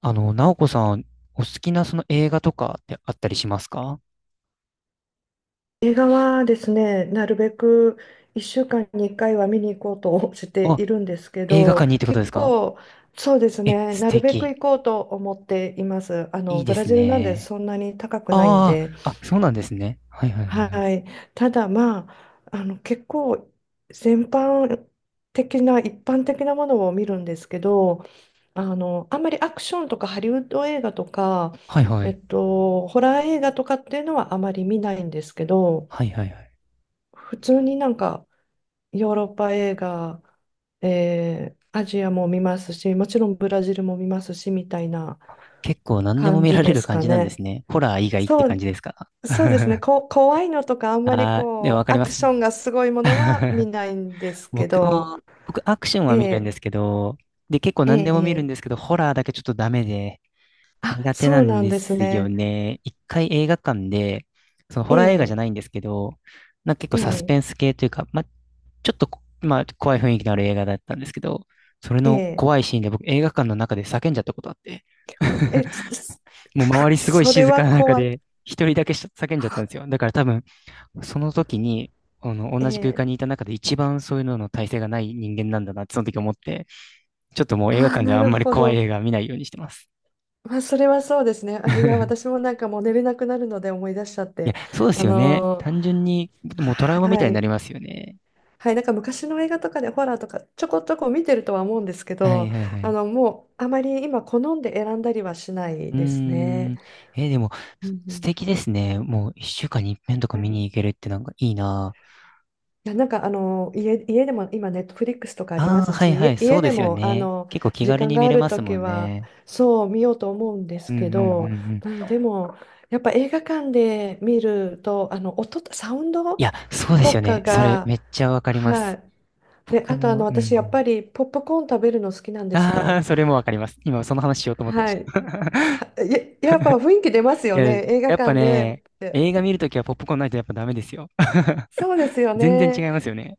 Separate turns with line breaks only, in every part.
直子さん、お好きなその映画とかってあったりしますか？
映画はですね、なるべく1週間に1回は見に行こうとして
あ、
いるんですけ
映画
ど、
館にってことで
結
すか？
構、そうです
え、
ね、
素
なるべく
敵。
行こうと思っています。
いいで
ブラ
す
ジルなんで
ね。
そんなに高くないん
あ
で、
あ、あ、そうなんですね。はいはいはいはい。
はい。ただ、まあ、結構、全般的な、一般的なものを見るんですけど、あんまりアクションとかハリウッド映画とか、
はいはい。
ホラー映画とかっていうのはあまり見ないんですけど、
はいはいはい。
普通になんかヨーロッパ映画、アジアも見ますし、もちろんブラジルも見ますし、みたいな
結構何でも
感
見
じ
られ
で
る
す
感
か
じなんで
ね。
すね。ホラー以外って
そ
感じ
う、
ですか？
そうですね。
あ
怖いのとかあんまり
あ、でもわ
こ
か
う、
り
ア
ま
ク
す。
ションがすごいものは見 ないんですけ
僕
ど、
も、僕アクション
え
は見るんで
え
すけど、で、結構
え
何でも
え
見るん
ええ、
ですけど、ホラーだけちょっとダメで、
あ、
苦手な
そう
ん
なん
で
です
すよ
ね。
ね。一回映画館で、そのホラー映画じゃ
ええ
ないんですけど、なんか結構サスペ
え
ンス系というか、まあ、ちょっとこ、まあ、怖い雰囲気のある映画だったんですけど、それの
え
怖
え
いシーンで僕映画館の中で叫んじゃったことあって、
ええ、つつ
もう周り すごい
それ
静
は
かな中
怖い。
で一人だけ叫んじゃったんですよ。だから多分、その時に、同じ空
え
間
え、
にいた中で一番そういうのの耐性がない人間なんだなってその時思って、ちょっともう映画
あ、
館では
な
あん
る
まり
ほ
怖い映
ど。
画は見ないようにしてます。
まあ、それはそうですね。あ、いや、私 もなんかもう寝れなくなるので思い出しちゃっ
いや、
て。
そうです
あ
よね。
の
単
ー
純に、もうトラウマみ
は
たいにな
い。
りますよね。
はい、なんか昔の映画とかでホラーとかちょこちょこ見てるとは思うんですけ
はい
ど、
はいは
あ
い。
の、もうあまり今好んで選んだりはしない
うー
ですね。
ん。でも、
うんう
素
ん、
敵ですね。もう一週間に一遍とか
は
見
い、
に行けるってなんかいいな。
いや、なんか家でも今、ネットフリックスとかありま
ああ、
す
はい
し、家
はい、そ
家
うで
で
すよ
もあ
ね。
の
結構気
時
軽
間
に
が
見
あ
れ
る
ま
と
すも
き
ん
は
ね。
そう見ようと思うんで
う
す
んうん
け
う
ど、
んうん。
まあ、でもやっぱ映画館で見るとあの音、サウン
い
ド
や、そうです
と
よ
か
ね。それ
が、
めっちゃわかりま
は
す。
い、で、
僕
あとあ
も、
の
うんう
私、やっ
ん。
ぱりポップコーン食べるの好きなんです
あ
よ。
あ、それもわかります。今その話しようと思ってまし
はい、
た。
は、や、やっぱ雰囲気出ます
い
よ
や、や
ね、映画
っぱ
館でっ
ね、
て。
映画見るときはポップコーンないとやっぱダメですよ。
そうですよ
全然違
ね。
いますよね。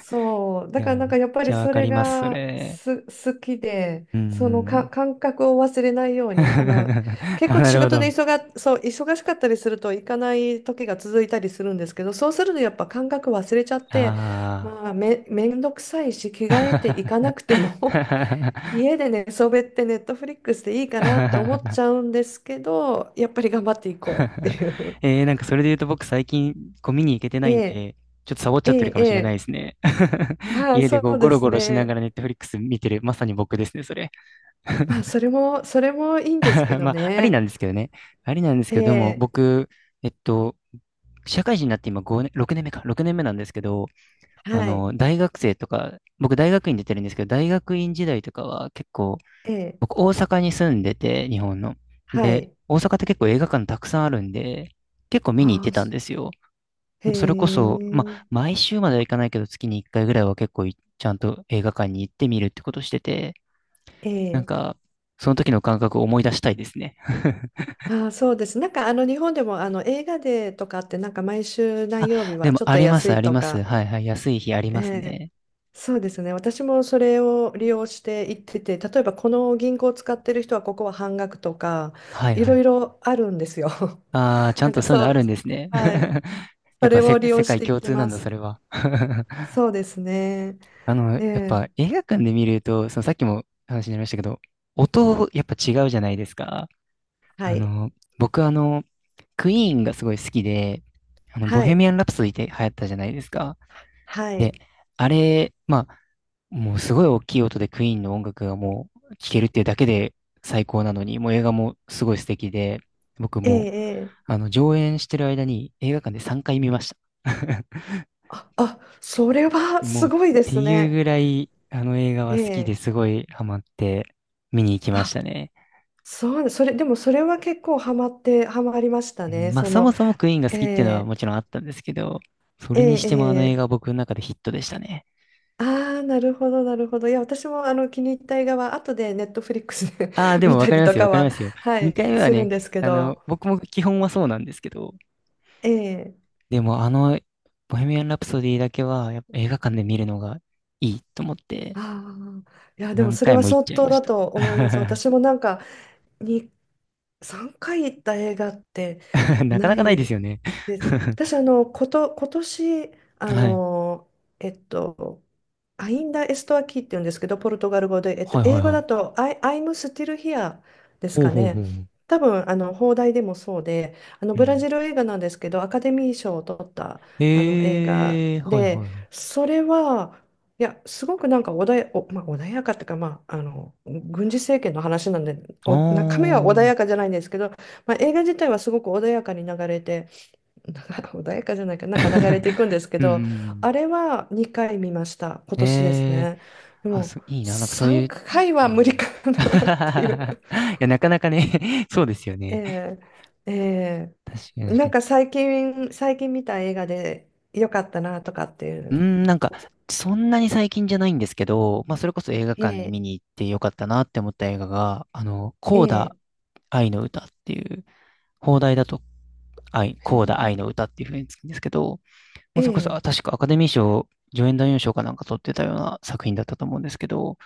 そう、
い
だ
や、
からなん
めっ
かやっぱ
ち
り
ゃわ
そ
か
れ
ります、そ
が
れ。
す好きで、
う
その
ん。
感覚を忘れないように、あの結
あ、
構
なる
仕
ほ
事で
ど。
忙が、そう、忙しかったりすると行かない時が続いたりするんですけど、そうするとやっぱ感覚忘れちゃって、
あ
まあめんどくさいし、着替えて行か
あ。
なくても 家で寝そべってネットフリックスでいいかなって思っち ゃうんですけど、やっぱり頑張っていこうっていう。
なんかそれで言うと僕最近ゴミに行けて な
え
いん
え、
で、ちょっとサボっち
え
ゃってる
え、
か
え
もしれないで
え、
すね。
はい、
家で
そ
こう
う
ゴ
で
ロ
す
ゴロしなが
ね。
らネットフリックス見てる、まさに僕ですね、それ。
まあ、それもいいんですけど
まあ、あり
ね。
なんですけどね。ありなんです
え
けど、でも
え、
僕、えっと、社会人になって今5年、6年目か、6年目なんですけど、
はい、
大学生とか、僕大学院出てるんですけど、大学院時代とかは結構、
ええ、
僕大阪に住んでて、日本の。
は
で、
い。
大阪って結構映画館たくさんあるんで、結構見に行っ
あ
て
あ、
たん
す、
ですよ。
へ
もうそれこそ、ま
え、
あ、毎週まではいかないけど、月に1回ぐらいは結構ちゃんと映画館に行ってみるってことしてて、
え
なん
え、
か、その時の感覚を思い出したいですね。
ああ、そうです。なんか、日本でも、映画デーとかって、なんか、毎週何
あ、
曜日
で
は
も
ちょっ
あ
と
りま
安
す、あ
い
り
と
ます。
か、
はいはい。安い日あり
え
ます
え、
ね。
そうですね。私もそれを利用して行ってて、例えば、この銀行を使ってる人は、ここは半額とか、
はい
い
は
ろい
い。
ろあるんですよ。
ああ、ち ゃん
なん
と
か、
そういう
そ
のあるん
う、
ですね。
はい。
や
そ
っぱ
れを利用
世
し
界
て行っ
共
て
通な
ま
んだ、
す。
それは。
そうですね。
や
え
っぱ
え、
映画館で見ると、そのさっきも話になりましたけど、音、やっぱ違うじゃないですか。
は
あ
い、
の、僕クイーンがすごい好きで、ボ
は
ヘミ
い、
アン・ラプソディって流行ったじゃないですか。
は
で、
い、
あれ、まあ、もうすごい大きい音でクイーンの音楽がもう聴けるっていうだけで最高なのに、もう映画もすごい素敵で、僕
え
もう、
え、ええ、
上演してる間に映画館で3回見ました。
あ、あ、それは
もう、
す
っ
ごいで
て
す
いう
ね。
ぐらい、あの映画
え
は好きで
え、
すごいハマって見に行きまし
あ、
たね。
でもそれは結構ハマって、ハマりました
うん
ね。
まあ、
そ
そも
の、
そもクイーンが
え
好きっていうのは
え、
もちろんあったんですけど、そ
え
れにしてもあの映
え、
画
ええ、
は僕の中でヒットでしたね。
ああ、なるほど、なるほど。いや、私もあの気に入った映画は、後でネットフリックスで
ああ、で
見
もわ
た
かり
り
ま
と
すよ、わ
か
かり
は、
ますよ。
は
2回
い、
目は
するん
ね、
ですけど、
僕も基本はそうなんですけど、
ええ、
でもボヘミアン・ラプソディだけは、やっぱ映画館で見るのがいいと思って、
ああ、いや、でも
何
それ
回
は
も行っ
相
ちゃい
当
まし
だ
た。
と思います。私もなんか、に3回行った映画って
なか
な
なかないで
い
すよね。
です。私、あの、今年、あ
はい。
の、えっと、アインダエストアキーって言うんですけど、ポルトガル語で、
はいは
英
い
語
は
だ
い。
と、I'm still here です
ほう
か
ほうほ
ね。
うほう。
多分、あの、邦題でもそうで、あの、
う
ブラ
ん。
ジル映画なんですけど、アカデミー賞を取った、あの、映画
ええー、はいは
で、
いはい。
それは、いや、すごくなんか穏や、おまあ、穏やかっていうか、まあ、あの、軍事政権の話なんで、
あ
お、中身は
あ。
穏やかじゃないんですけど、まあ、映画自体はすごく穏やかに流れて、なんか穏やかじゃないか、なんか流れていくんで すけ
うんうん
ど、
うん。
あれは2回見ました、今
え
年です
え
ね。で
あ、
も、
そう、いいな。なんかそう
3
いう、
回
う
は無
ん。
理か な
い
っていう。
や、なかなかね そうですよ
え
ね。
え、え
確かに
え、
確かに。
最近見た映画で良かったなとかってい
うー
う。
ん、なんか、
お、
そんなに最近じゃないんですけど、まあ、それこそ映画館に
ええ、
見に行ってよかったなって思った映画が、コーダ
ええ、
愛の歌っていう、放題だと
へ
コーダ愛の歌っていう風につくんですけど、もうそれこそ、
え、え
あ確かアカデミー賞、助演男優賞かなんか取ってたような作品だったと思うんですけど、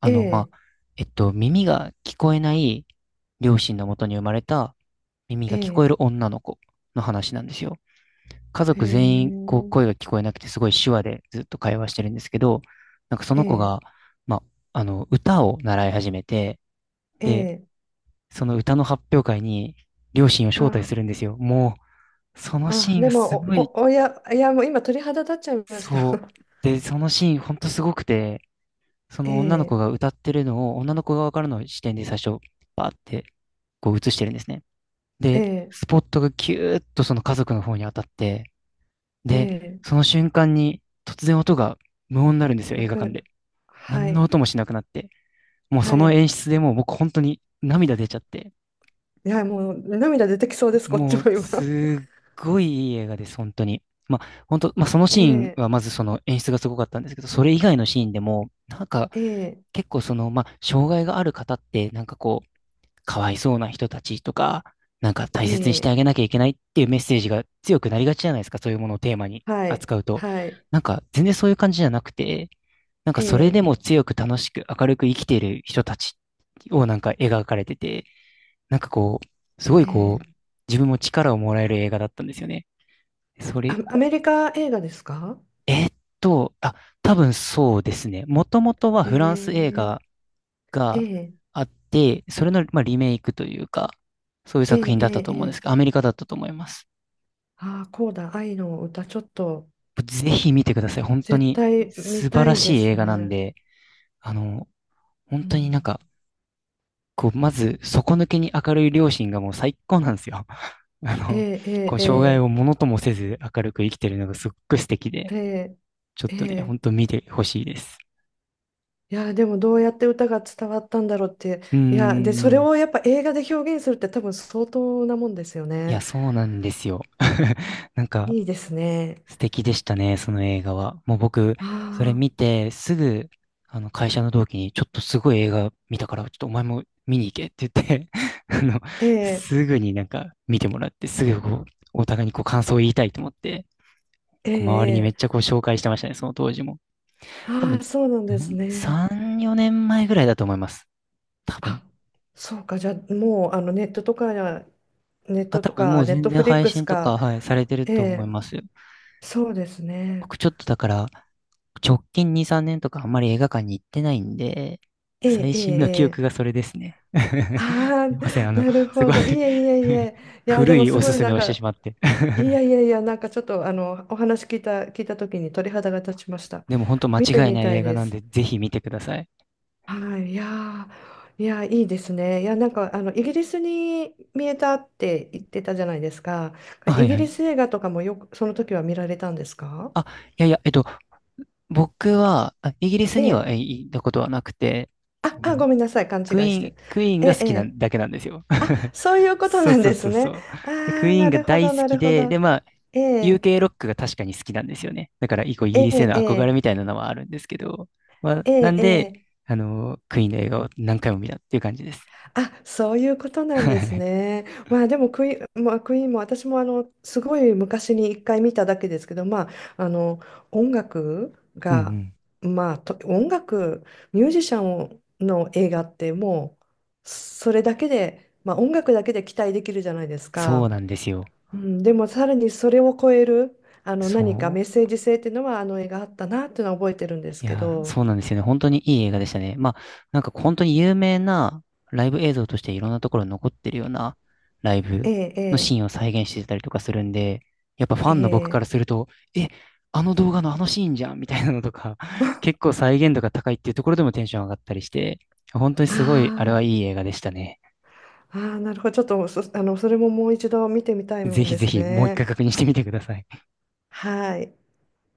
ま
え
あ、耳が聞こえない両親のもとに生まれた耳が聞こえ
え
る
え
女の子の話なんですよ。家族全員
ええ
こう声が聞こえなくてすごい手話でずっと会話してるんですけど、なんかその子
ええ
が、まあ、あの歌を習い始めて、で、
ええ、
その歌の発表会に両親を招待
あ
するんですよ。もう、そのシ
あ、
ーン
で
がす
も、
ごい、
おや、いや、もう今鳥肌立っちゃいました。
そう。で、そのシーンほんとすごくて、その女の子
ええ、
が歌ってるのを女の子側からの視点で最初、バーってこう映してるんですね。
え
で、
え、
スポットがキューッとその家族の方に当たって、
え
で、
え、
その瞬間に突然音が無音になるんですよ、
泣
映画館
く、
で。
は
何の
い、
音もしなくなって。もうそ
は
の
い。
演出でもう僕本当に涙出ちゃって。
いや、もう涙出てきそうです、こっち
もう
も今。
すっごいいい映画です、本当に。まあ本当、まあその
え
シーン
え、
はまずその演出がすごかったんですけど、それ以外のシーンでも、なんか
ええ、
結構その、まあ障害がある方ってなんかこう、かわいそうな人たちとか、なんか大
え
切にして
え、
あげなきゃいけないっていうメッセージが強くなりがちじゃないですか、そういうものをテーマに
はい、
扱うと。
はい、
なんか全然そういう感じじゃなくて、なんか
え
それ
え、
でも強く楽しく明るく生きている人たちをなんか描かれてて、なんかこう、すごい
え
こう、
え、
自分も力をもらえる映画だったんですよね。そ
あ、
れ、
アメリカ映画ですか？
えーっと、あ、多分そうですね。もともとは
え
フランス映
え、
画
え
が
え、
あって、それの、まあ、リメイクというか、そういう
え
作
え、
品
え
だったと思うんです
え、
けど、アメリカだったと思います。
ああー、こうだ、愛の歌、ちょっと、
ぜひ見てください。本当
絶
に
対見
素晴
た
ら
いで
しい
す
映画なん
ね。
で、あの、本
う
当になん
ん、
か、こう、まず、底抜けに明るい両親がもう最高なんですよ。あ
え
の、
え、え
こう、
え、
障害
え
をものともせず明るく生きてるのがすっごい素敵で、
え、え
ちょっ
え、え
とね、ほ
え、
んと見てほしいです。
いやでもどうやって歌が伝わったんだろうって、
うー
いやでそれ
ん。
をやっぱ映画で表現するって多分相当なもんですよ
いや、
ね。
そうなんですよ。なんか、
いいですね。
素敵でしたね、その映画は。もう僕、それ
あ
見
あ
て、すぐ、会社の同期に、ちょっとすごい映画見たから、ちょっとお前も見に行けって言って あの、
ー、え
す
え、
ぐになんか見てもらって、すぐこう、お互いにこう感想を言いたいと思って、
え
こう周りにめっ
え、え
ち
え、
ゃこう紹介してましたね、その当時も。多
ああ
分
ー、
ね、
そうなん
う
です
ん、
ね、
3、4年前ぐらいだと思います。多分。
あ、そうか、じゃあもうあのネットとかネッ
あ、
ト
多
と
分も
か
う
ネッ
全
ト
然
フリッ
配
クス
信と
か。
か、はい、されてる
え
と思い
え、
ますよ。
そうですね、
僕ちょっとだから、直近2、3年とかあんまり映画館に行ってないんで、
ええ、
最
ええ、
新の記
え
憶が
え、
それですね。
あ
すいません、
あー、なる
す
ほ
ごい
ど、いえいえい え、いやで
古
も
い
す
おす
ごい
す
な
め
ん
をして
か、
しまって。
いやいやいや、なんかちょっとあのお話聞いた、聞いた時に鳥肌が立ちました。
でも本当間
見て
違い
み
ない
たい
映画
で
なん
す。
で、ぜひ見てください。
はい、いやー、いやー、いいですね。いや、なんかあのイギリスに見えたって言ってたじゃないですか。
あ、は
イ
い
ギ
は
リ
い。
ス映画とかもよくその時は見られたんですか？
あ、いやいや、僕は、イギリス
え
には
え。
行ったことはなくて、
あ、
あ
あ、
の、
ごめんなさい、勘違
クイ
いし
ー
て
ン、
る。
クイーン
え
が
え、
好
え
きな
え。
だけなんですよ。
あ、そういうこと
そう
なん
そう
で
そ
す
うそ
ね。
う。
ああ、
でクイー
な
ンが
るほ
大
ど、
好
な
き
るほ
で、で、
ど。
まあ、
ええ、
UK ロックが確かに好きなんですよね。だから、以降イ
え
ギリスへ
え、
の
え
憧れ
え、
みたいなのはあるんですけど、まあ、
え
な
え、
んで、
ええ、
クイーンの映画を何回も見たっていう感じです。
あ、そういうことなんですね。まあでもクイーン、まあ、クイーンも私もあのすごい昔に一回見ただけですけど、まあ、あの音楽
うんう
が、
ん。
まあ、音楽、ミュージシャンの映画ってもうそれだけで、まあ、音楽だけで期待できるじゃないです
そう
か。
なんですよ。
うん、でもさらにそれを超えるあの何か
そ
メッ
う。
セージ性っていうのはあの映画あったなっていうのは覚えてるんです
い
け
やー、
ど。
そうなんですよね。本当にいい映画でしたね。まあ、なんか本当に有名なライブ映像としていろんなところに残ってるようなライブ
ええ、
のシーンを再現してたりとかするんで、やっぱファ
え
ンの僕か
え、え
ら
え、
すると、え、あの動画のあのシーンじゃんみたいなのとか、結構再現度が高いっていうところでもテンション上がったりして、本当に
あ
すごい、あれ
あ
は
ー、
いい映画でしたね。
ああ、なるほど。ちょっとそ、あの、それももう一度見てみたい
ぜ
もん
ひ
で
ぜ
す
ひもう一
ね。
回確認してみてください。
はい。